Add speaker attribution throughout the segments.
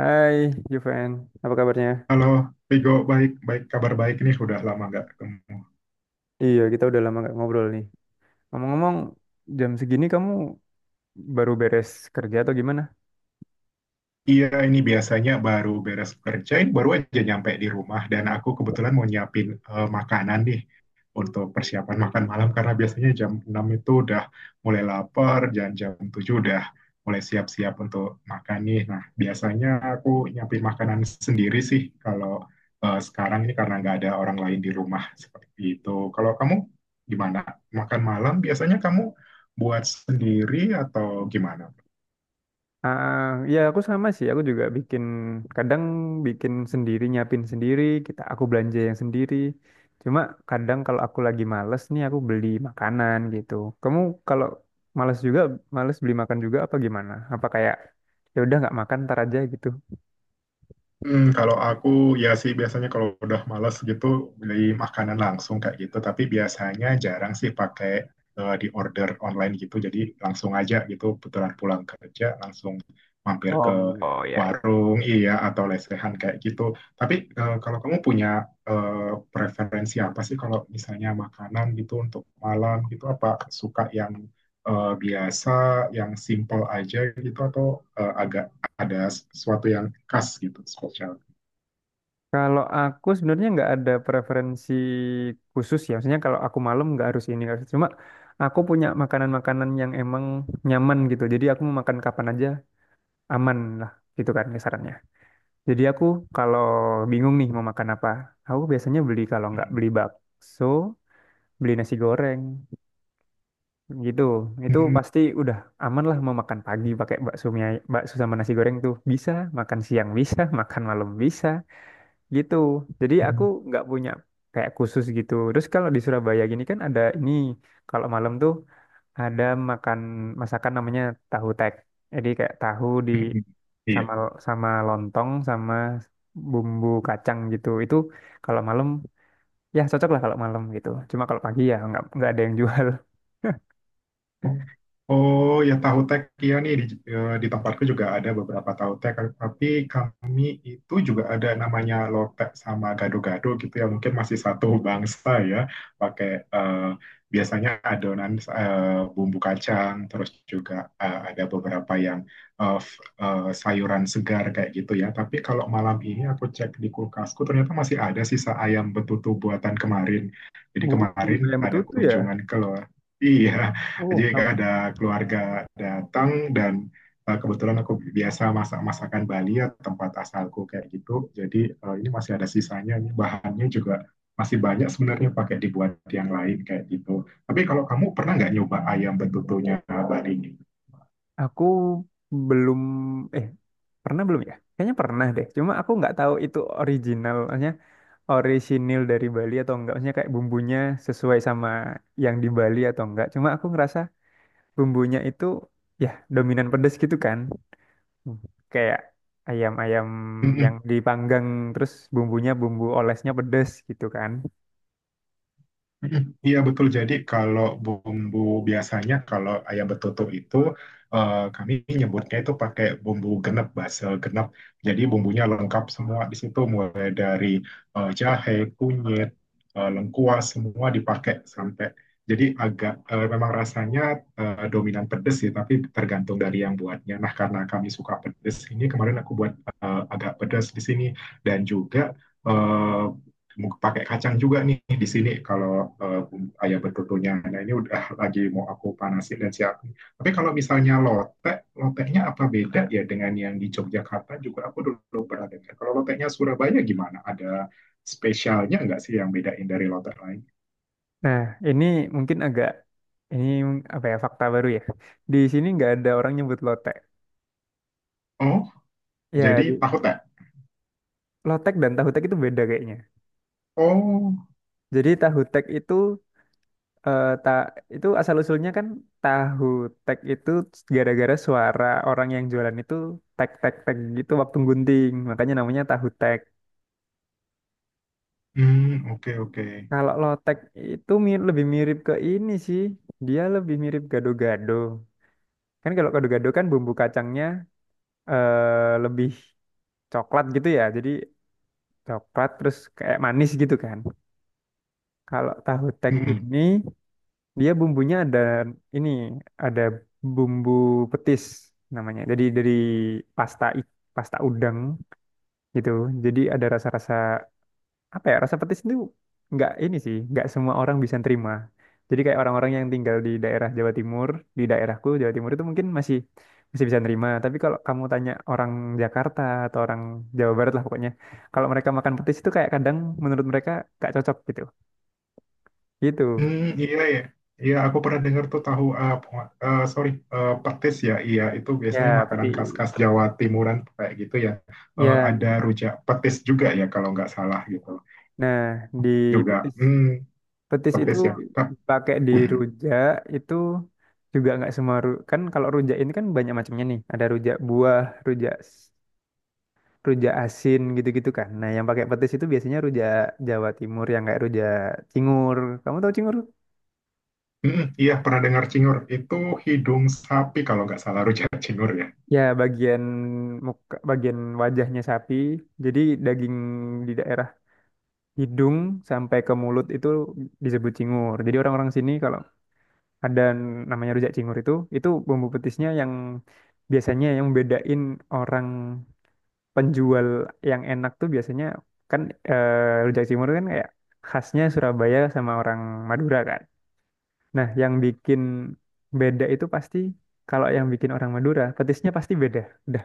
Speaker 1: Hai Juven, apa kabarnya?
Speaker 2: Halo, Vigo, baik, baik, kabar baik nih, udah lama nggak ketemu.
Speaker 1: Iya, kita udah lama nggak ngobrol nih. Ngomong-ngomong, jam segini kamu baru beres kerja atau gimana?
Speaker 2: Iya, ini biasanya baru beres kerja, ini baru aja nyampe di rumah dan aku kebetulan mau nyiapin makanan nih untuk persiapan makan malam karena biasanya jam 6 itu udah mulai lapar dan jam 7 udah mulai siap-siap untuk makan nih. Nah, biasanya aku nyiapin makanan sendiri sih kalau sekarang ini karena nggak ada orang lain di rumah seperti itu. Kalau kamu gimana? Makan malam biasanya kamu buat sendiri atau gimana?
Speaker 1: Ah, ya aku sama sih, aku juga bikin, kadang bikin sendiri, nyiapin sendiri, aku belanja yang sendiri. Cuma kadang kalau aku lagi males nih, aku beli makanan gitu. Kamu kalau males juga, males beli makan juga apa gimana? Apa kayak, ya udah nggak makan ntar aja gitu?
Speaker 2: Kalau aku ya sih biasanya kalau udah malas gitu beli makanan langsung kayak gitu. Tapi biasanya jarang sih pakai di order online gitu. Jadi langsung aja gitu puteran pulang kerja langsung mampir ke
Speaker 1: Oh, oh ya ya.
Speaker 2: warung iya atau lesehan kayak gitu. Tapi kalau kamu punya preferensi apa sih kalau misalnya makanan gitu untuk malam gitu apa suka yang biasa, yang simple aja gitu atau agak ada sesuatu yang khas gitu spesial.
Speaker 1: Kalau aku sebenarnya nggak ada preferensi khusus ya. Maksudnya kalau aku malam nggak harus ini, nggak harus- cuma aku punya makanan-makanan yang emang nyaman gitu. Jadi aku mau makan kapan aja aman lah. Gitu kan ya sarannya. Jadi aku kalau bingung nih mau makan apa, aku biasanya beli kalau nggak
Speaker 2: Hmm.
Speaker 1: beli bakso, beli nasi goreng gitu. Itu
Speaker 2: Hmm.
Speaker 1: pasti udah aman lah. Mau makan pagi pakai bakso, bakso sama nasi goreng tuh bisa, makan siang bisa, makan malam bisa gitu. Jadi aku nggak punya kayak khusus gitu. Terus kalau di Surabaya gini kan ada ini, kalau malam tuh ada makan masakan namanya tahu tek. Jadi kayak tahu di
Speaker 2: Hmm.
Speaker 1: sama
Speaker 2: Iya.
Speaker 1: sama lontong sama bumbu kacang gitu. Itu kalau malam ya cocok lah kalau malam gitu, cuma kalau pagi ya nggak ada yang jual.
Speaker 2: Oh, oh ya tahu tek ya nih di tempatku juga ada beberapa tahu tek tapi kami itu juga ada namanya lotek sama gado-gado gitu ya mungkin masih satu bangsa ya pakai eh, biasanya adonan bumbu kacang terus juga ada beberapa yang sayuran segar kayak gitu ya tapi kalau malam ini aku cek di kulkasku ternyata masih ada sisa ayam betutu buatan kemarin jadi
Speaker 1: Oh,
Speaker 2: kemarin
Speaker 1: yang
Speaker 2: ada
Speaker 1: betul tuh ya.
Speaker 2: kunjungan ke. Iya, jadi
Speaker 1: Oh, nah,
Speaker 2: ada keluarga datang dan kebetulan aku biasa masak masakan Bali ya tempat asalku kayak gitu. Jadi ini masih ada sisanya, ini bahannya juga masih banyak sebenarnya pakai dibuat yang lain kayak gitu. Tapi kalau kamu pernah nggak nyoba ayam betutunya Bali ini?
Speaker 1: aku belum eh pernah belum ya? Kayaknya pernah deh. Cuma aku nggak tahu itu orisinil dari Bali atau enggak, maksudnya kayak bumbunya sesuai sama yang di Bali atau enggak. Cuma aku ngerasa bumbunya itu ya dominan pedes gitu kan. Hmm. Kayak ayam-ayam yang
Speaker 2: Mm-mm.
Speaker 1: dipanggang terus bumbu olesnya pedes gitu kan.
Speaker 2: Mm-mm. Iya betul. Jadi kalau bumbu biasanya kalau ayam betutuk itu kami nyebutnya itu pakai bumbu genep, basel genep. Jadi bumbunya lengkap semua di situ mulai dari jahe, kunyit, lengkuas semua dipakai sampai. Jadi agak memang rasanya dominan pedes sih, tapi tergantung dari yang buatnya. Nah karena kami suka pedes, ini kemarin aku buat agak pedes di sini dan juga eh, pakai kacang juga nih di sini kalau uh, ayam betutunya. Nah ini udah lagi mau aku panasin dan siapin. Tapi kalau misalnya lotek, loteknya apa beda ya dengan yang di Yogyakarta juga aku dulu pernah dengar. Kalau loteknya Surabaya gimana? Ada spesialnya nggak sih yang bedain dari lotek lain?
Speaker 1: Nah, ini mungkin agak ini, apa ya, fakta baru ya, di sini nggak ada orang nyebut lotek
Speaker 2: Oh,
Speaker 1: ya.
Speaker 2: jadi tahu tak?
Speaker 1: Lotek dan tahu tek itu beda kayaknya.
Speaker 2: Oh,
Speaker 1: Jadi tahu tek itu, eh ta itu asal usulnya kan, tahu tek itu gara-gara suara orang yang jualan itu tek tek tek gitu waktu gunting, makanya namanya tahu tek.
Speaker 2: hmm, oke, oke.
Speaker 1: Kalau lotek itu lebih mirip ke ini sih, dia lebih mirip gado-gado kan. Kalau gado-gado kan bumbu kacangnya lebih coklat gitu ya, jadi coklat terus kayak manis gitu kan. Kalau tahu tek
Speaker 2: Hmm, hmm.
Speaker 1: ini, dia bumbunya ada ini, ada bumbu petis namanya. Jadi dari pasta i- pasta udang gitu. Jadi ada rasa-rasa, apa ya? Rasa petis itu nggak ini sih, nggak semua orang bisa terima. Jadi kayak orang-orang yang tinggal di daerah Jawa Timur, di daerahku Jawa Timur itu mungkin masih masih bisa nerima. Tapi kalau kamu tanya orang Jakarta atau orang Jawa Barat lah pokoknya, kalau mereka makan petis itu kayak kadang menurut mereka nggak cocok gitu. Gitu.
Speaker 2: Hmm, iya ya. Iya, aku pernah dengar tuh tahu sorry petis ya. Iya, itu biasanya
Speaker 1: Ya,
Speaker 2: makanan
Speaker 1: petis.
Speaker 2: khas-khas Jawa Timuran kayak gitu ya. Eh,
Speaker 1: Ya.
Speaker 2: ada rujak petis juga ya kalau nggak salah gitu.
Speaker 1: Nah, di
Speaker 2: Juga
Speaker 1: petis, petis itu
Speaker 2: petis ya.
Speaker 1: pakai di
Speaker 2: Hmm,
Speaker 1: rujak itu juga nggak semua kan. Kalau rujak ini kan banyak macamnya nih. Ada rujak buah, rujak s- rujak asin gitu-gitu kan. Nah, yang pakai petis itu biasanya rujak Jawa Timur yang kayak rujak cingur. Kamu tahu cingur?
Speaker 2: hmm, iya pernah dengar cingur. Itu hidung sapi kalau nggak salah rujak cingur ya.
Speaker 1: Ya, bagian muka, bagian wajahnya sapi. Jadi daging di daerah hidung sampai ke mulut itu disebut cingur. Jadi orang-orang sini kalau ada namanya rujak cingur itu bumbu petisnya yang biasanya yang bedain orang penjual yang enak tuh biasanya kan. Rujak cingur kan kayak khasnya Surabaya sama orang Madura kan. Nah, yang bikin beda itu pasti kalau yang bikin orang Madura, petisnya pasti beda udah.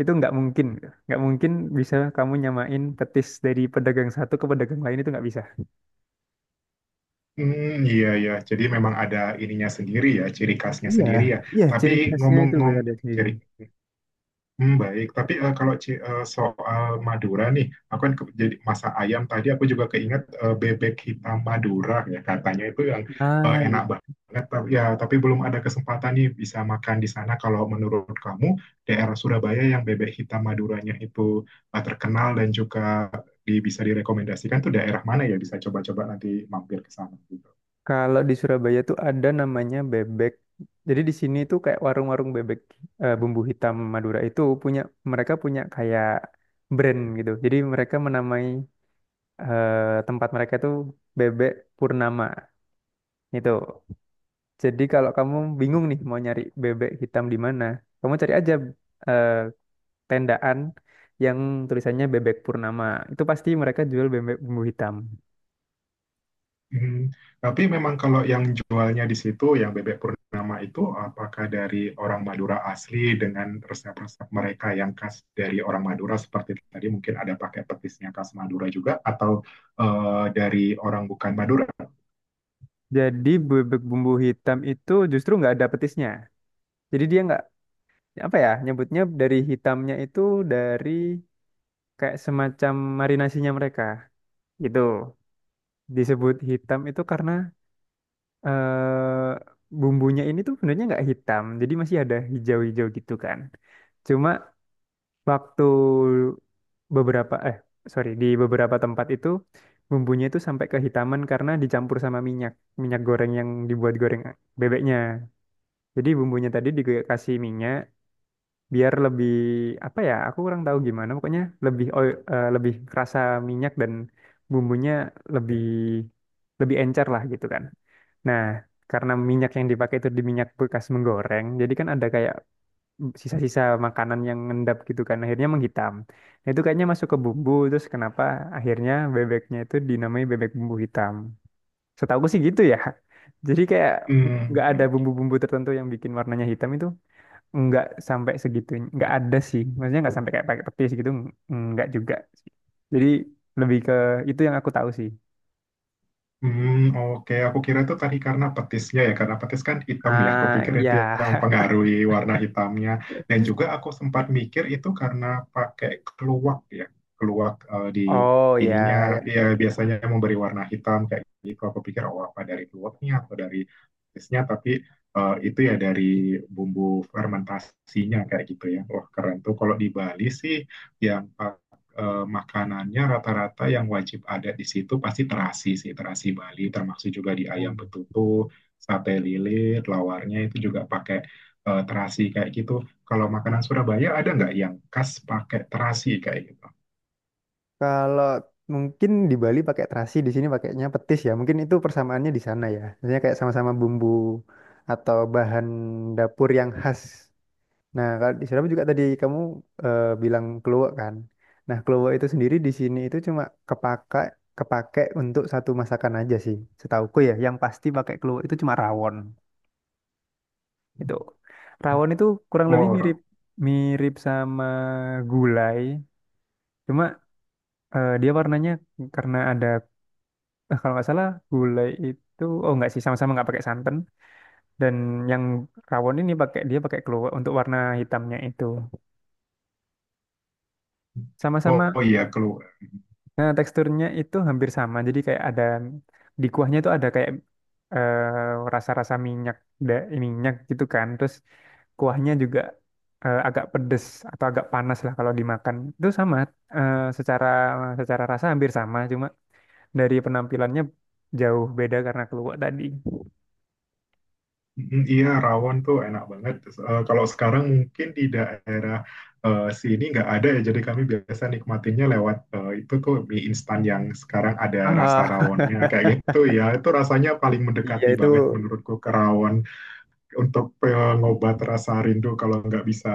Speaker 1: Itu nggak mungkin, nggak mungkin bisa kamu nyamain petis dari pedagang satu ke pedagang lain, itu nggak bisa.
Speaker 2: Hmm, iya ya. Jadi memang ada ininya sendiri ya, ciri khasnya
Speaker 1: Iya,
Speaker 2: sendiri ya.
Speaker 1: iya,
Speaker 2: Tapi
Speaker 1: ciri khasnya, khasnya itu
Speaker 2: ngomong-ngomong
Speaker 1: beda sendiri.
Speaker 2: ciri. Hmm, baik, tapi kalau soal Madura nih, aku kan jadi masak ayam tadi aku juga keinget bebek hitam Madura ya katanya itu yang
Speaker 1: Nah,
Speaker 2: enak banget. Tapi ya, tapi belum ada kesempatan nih bisa makan di sana. Kalau menurut kamu daerah Surabaya yang bebek hitam Maduranya itu terkenal dan juga bisa direkomendasikan tuh daerah mana ya bisa coba-coba nanti mampir ke sana.
Speaker 1: kalau di Surabaya tuh ada namanya bebek. Jadi di sini tuh kayak warung-warung bebek bumbu hitam Madura itu punya, mereka punya kayak brand gitu. Jadi mereka menamai tempat mereka tuh bebek Purnama gitu. Jadi kalau kamu bingung nih mau nyari bebek hitam di mana, kamu cari aja eh, tendaan yang tulisannya bebek Purnama. Itu pasti mereka jual bebek bumbu hitam.
Speaker 2: Mhm. Tapi memang kalau yang jualnya di situ, yang bebek Purnama itu, apakah dari orang Madura asli dengan resep-resep mereka yang khas dari orang Madura seperti tadi mungkin ada pakai petisnya khas Madura juga, atau dari orang bukan Madura?
Speaker 1: Jadi bebek bumbu hitam itu justru nggak ada petisnya. Jadi dia nggak, apa ya nyebutnya, dari hitamnya itu dari kayak semacam marinasinya mereka gitu. Disebut hitam itu karena eh bumbunya ini tuh sebenarnya nggak hitam, jadi masih ada hijau-hijau gitu kan. Cuma waktu beberapa, sorry, di beberapa tempat itu bumbunya itu sampai kehitaman karena dicampur sama minyak, minyak goreng yang dibuat goreng bebeknya. Jadi bumbunya tadi dikasih minyak biar lebih, apa ya, aku kurang tahu gimana pokoknya lebih lebih kerasa minyak, dan bumbunya lebih lebih encer lah gitu kan. Nah, karena minyak yang dipakai itu di minyak bekas menggoreng, jadi kan ada kayak sisa-sisa makanan yang ngendap gitu kan, akhirnya menghitam. Nah, itu kayaknya masuk ke bumbu, terus kenapa akhirnya bebeknya itu dinamai bebek bumbu hitam. Setahuku sih gitu ya. Jadi kayak nggak ada
Speaker 2: Hmm.
Speaker 1: bumbu-bumbu tertentu yang bikin warnanya hitam itu, nggak sampai segitu, nggak ada sih, maksudnya nggak sampai kayak pakai petis gitu, nggak juga sih. Jadi lebih ke itu yang aku tahu sih.
Speaker 2: Hmm, oke. Aku kira itu tadi karena petisnya ya, karena petis kan hitam ya. Aku
Speaker 1: Ah,
Speaker 2: pikir itu
Speaker 1: ya.
Speaker 2: yang mempengaruhi warna hitamnya. Dan juga aku sempat mikir itu karena pakai keluak ya, keluak di
Speaker 1: Oh ya
Speaker 2: ininya
Speaker 1: ya.
Speaker 2: ya biasanya memberi warna hitam kayak gitu. Aku pikir oh apa dari keluaknya atau dari petisnya, tapi itu ya dari bumbu fermentasinya kayak gitu ya. Wah keren tuh. Kalau di Bali sih yang makanannya rata-rata yang wajib ada di situ pasti terasi sih, terasi Bali, termasuk juga di ayam
Speaker 1: Hmm.
Speaker 2: betutu, sate lilit, lawarnya itu juga pakai terasi kayak gitu. Kalau makanan Surabaya ada nggak yang khas pakai terasi kayak gitu?
Speaker 1: Kalau mungkin di Bali pakai terasi, di sini pakainya petis ya, mungkin itu persamaannya di sana ya, maksudnya kayak sama-sama bumbu atau bahan dapur yang khas. Nah, kalau di Surabaya juga tadi kamu bilang keluak kan. Nah, keluak itu sendiri di sini itu cuma kepakai kepake untuk satu masakan aja sih. Setauku ya, yang pasti pakai keluak itu cuma rawon. Itu rawon itu kurang
Speaker 2: Oh,
Speaker 1: lebih mirip,
Speaker 2: orang.
Speaker 1: mirip sama gulai, cuma dia warnanya karena ada, kalau nggak salah gulai itu, oh nggak sih, sama-sama nggak pakai santan. Dan yang rawon ini dia pakai keluak untuk warna hitamnya itu.
Speaker 2: Oh,
Speaker 1: Sama-sama.
Speaker 2: oh iya.
Speaker 1: Nah, teksturnya itu hampir sama. Jadi kayak ada di kuahnya itu ada kayak rasa-rasa minyak, minyak gitu kan. Terus kuahnya juga agak pedes atau agak panas lah kalau dimakan. Itu sama secara secara rasa hampir sama, cuma dari penampilannya jauh beda karena keluak tadi.
Speaker 2: Mm, iya, rawon tuh enak banget. Kalau sekarang mungkin di daerah sini nggak ada ya, jadi kami biasa nikmatinya lewat itu tuh mie instan yang sekarang ada rasa
Speaker 1: Ah.
Speaker 2: rawonnya kayak gitu ya. Itu rasanya paling
Speaker 1: Iya
Speaker 2: mendekati
Speaker 1: itu.
Speaker 2: banget menurutku ke rawon untuk pengobat rasa rindu kalau nggak bisa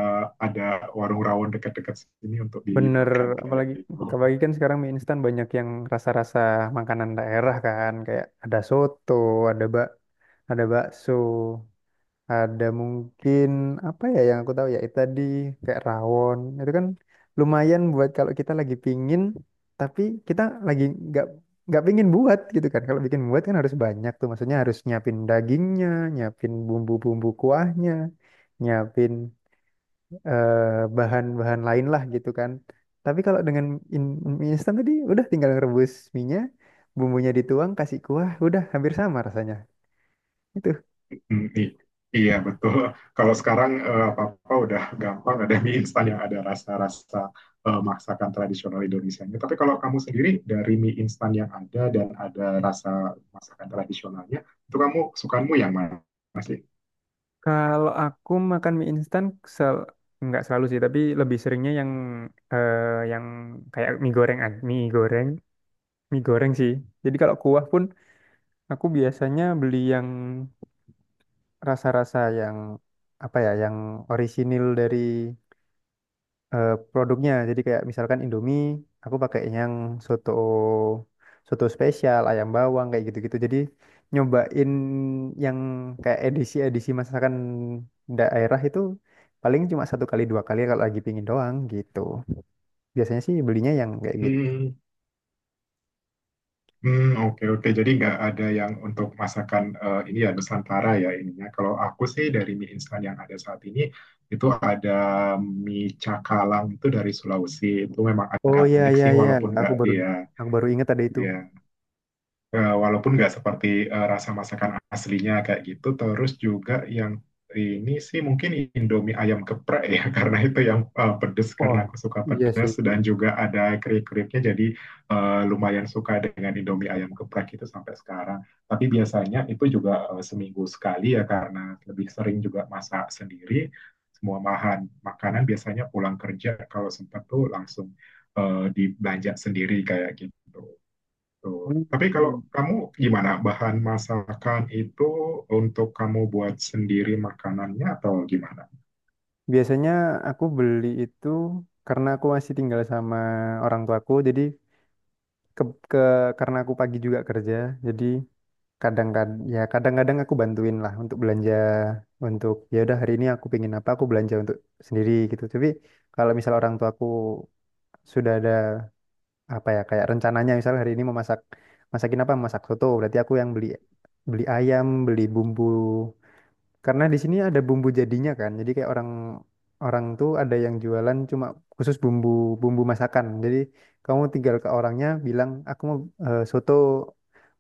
Speaker 2: ada warung rawon dekat-dekat sini untuk
Speaker 1: Bener,
Speaker 2: dimakan kayak
Speaker 1: apalagi
Speaker 2: gitu.
Speaker 1: apalagi kan sekarang mie instan banyak yang rasa-rasa makanan daerah kan, kayak ada soto, ada bak, ada bakso, ada mungkin, apa ya yang aku tahu ya itu tadi kayak rawon. Itu kan lumayan buat kalau kita lagi pingin tapi kita lagi nggak pingin buat gitu kan. Kalau bikin buat kan harus banyak tuh, maksudnya harus nyiapin dagingnya, nyiapin bumbu-bumbu kuahnya, nyiapin eh, bahan-bahan lain lah gitu kan. Tapi kalau dengan mie instan tadi udah tinggal ngerebus minyak, bumbunya dituang, kasih kuah, udah hampir sama rasanya. Itu.
Speaker 2: Hmm, iya betul. Kalau sekarang apa-apa udah gampang ada mie instan yang ada rasa-rasa masakan tradisional Indonesianya. Tapi kalau kamu sendiri dari mie instan yang ada dan ada rasa masakan tradisionalnya, itu kamu sukamu yang mana sih?
Speaker 1: Kalau aku makan mie instan, sel nggak selalu sih, tapi lebih seringnya yang eh, yang kayak mie goreng, ah, mie goreng sih. Jadi kalau kuah pun aku biasanya beli yang rasa-rasa yang, apa ya, yang orisinil dari produknya. Jadi kayak misalkan Indomie, aku pakai yang soto, soto spesial, ayam bawang kayak gitu-gitu. Jadi nyobain yang kayak edisi-edisi masakan daerah itu paling cuma satu kali dua kali kalau lagi pingin doang gitu. Biasanya sih belinya yang kayak gitu.
Speaker 2: Hmm, hmm, oke, oke. Jadi nggak ada yang untuk masakan ini ya Nusantara ya ininya. Kalau aku sih dari mie instan yang ada saat ini itu ada mie cakalang itu dari Sulawesi. Itu memang
Speaker 1: Oh
Speaker 2: agak
Speaker 1: ya
Speaker 2: unik
Speaker 1: ya
Speaker 2: sih
Speaker 1: ya,
Speaker 2: walaupun
Speaker 1: aku
Speaker 2: nggak
Speaker 1: baru
Speaker 2: dia,
Speaker 1: aku baru ingat ada itu.
Speaker 2: iya, walaupun nggak seperti rasa masakan aslinya kayak gitu, terus juga yang ini sih mungkin Indomie ayam geprek ya, karena itu yang pedes
Speaker 1: Oh
Speaker 2: karena aku suka
Speaker 1: iya sih.
Speaker 2: pedes dan juga ada keripik-keripiknya jadi lumayan suka dengan Indomie ayam geprek itu sampai sekarang. Tapi biasanya itu juga seminggu sekali ya karena lebih sering juga masak sendiri. Semua bahan makanan biasanya pulang kerja kalau sempat tuh langsung dibelanja sendiri kayak gitu. Betul. Tapi kalau
Speaker 1: Hmm.
Speaker 2: kamu gimana? Bahan masakan itu untuk kamu buat sendiri makanannya atau gimana?
Speaker 1: Biasanya aku beli itu karena aku masih tinggal sama orang tuaku, jadi ke, ke karena aku pagi juga kerja, jadi kadang-kadang ya, kadang-kadang aku bantuin lah untuk belanja. Untuk ya udah hari ini aku pengen apa, aku belanja untuk sendiri gitu. Tapi kalau misal orang tua aku sudah ada, apa ya, kayak rencananya misal hari ini mau masak, masakin apa, masak soto, berarti aku yang beli beli ayam, beli bumbu, karena di sini ada bumbu jadinya kan. Jadi kayak orang, orang tuh ada yang jualan cuma khusus bumbu, bumbu masakan. Jadi kamu tinggal ke orangnya bilang aku mau soto,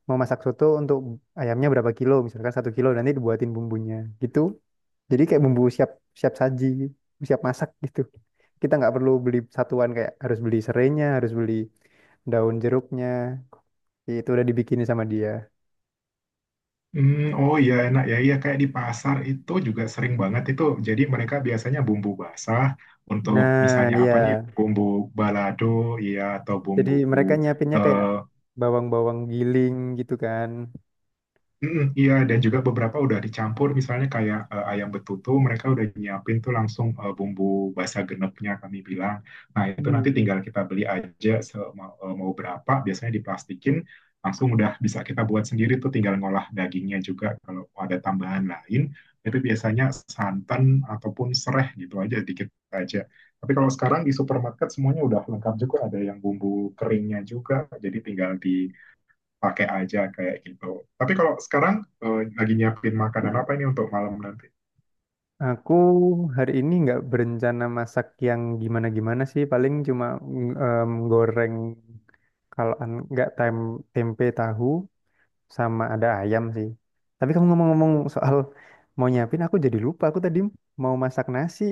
Speaker 1: mau masak soto, untuk ayamnya berapa kilo misalkan satu kilo nanti dibuatin bumbunya gitu. Jadi kayak bumbu siap, siap saji, siap masak gitu. Kita nggak perlu beli satuan kayak harus beli serainya, harus beli daun jeruknya. Itu udah dibikinin sama dia.
Speaker 2: Hmm, oh iya enak ya. Iya kayak di pasar itu juga sering banget itu. Jadi mereka biasanya bumbu basah untuk
Speaker 1: Nah,
Speaker 2: misalnya
Speaker 1: iya.
Speaker 2: apa nih? Bumbu balado, iya atau
Speaker 1: Jadi
Speaker 2: bumbu
Speaker 1: mereka nyiapinnya kayak
Speaker 2: eh,
Speaker 1: bawang-bawang giling gitu kan.
Speaker 2: Mm-mm, iya, dan juga beberapa udah dicampur, misalnya kayak ayam betutu, mereka udah nyiapin tuh langsung bumbu basa genepnya kami bilang. Nah, itu nanti
Speaker 1: Hmm.
Speaker 2: tinggal kita beli aja mau berapa, biasanya diplastikin, langsung udah bisa kita buat sendiri tuh tinggal ngolah dagingnya juga. Kalau ada tambahan lain, itu biasanya santan ataupun sereh gitu aja, dikit aja. Tapi kalau sekarang di supermarket semuanya udah lengkap juga, ada yang bumbu keringnya juga, jadi tinggal di pakai aja kayak gitu. Tapi kalau sekarang lagi nyiapin makanan apa ini untuk malam nanti?
Speaker 1: Aku hari ini nggak berencana masak yang gimana-gimana sih, paling cuma goreng, kalau nggak, tempe tahu sama ada ayam sih. Tapi kamu ngomong-ngomong soal mau nyiapin, aku jadi lupa. Aku tadi mau masak nasi.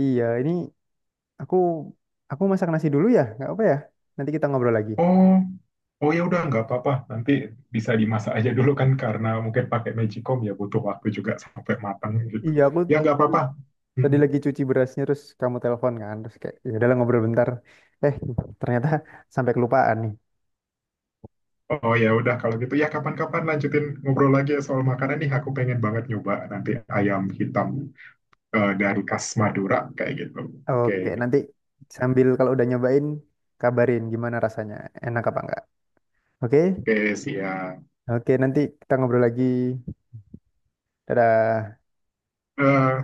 Speaker 1: Iya, ini, aku aku masak nasi dulu ya, nggak apa ya. Nanti kita ngobrol lagi.
Speaker 2: Oh, oh ya udah nggak apa-apa. Nanti bisa dimasak aja dulu kan karena mungkin pakai magicom ya butuh waktu juga sampai matang gitu.
Speaker 1: Iya, aku
Speaker 2: Ya nggak apa-apa.
Speaker 1: tadi
Speaker 2: Hmm.
Speaker 1: lagi cuci berasnya terus kamu telepon kan, terus kayak ya udahlah ngobrol bentar, eh ternyata sampai kelupaan nih.
Speaker 2: Oh ya udah kalau gitu ya kapan-kapan lanjutin ngobrol lagi ya soal makanan nih. Aku pengen banget nyoba nanti ayam hitam dari khas Madura kayak gitu. Oke,
Speaker 1: Oke, nanti sambil kalau udah nyobain, kabarin gimana rasanya, enak apa enggak. Oke.
Speaker 2: oke siap.
Speaker 1: Oke, nanti kita ngobrol lagi. Dadah.
Speaker 2: Eh,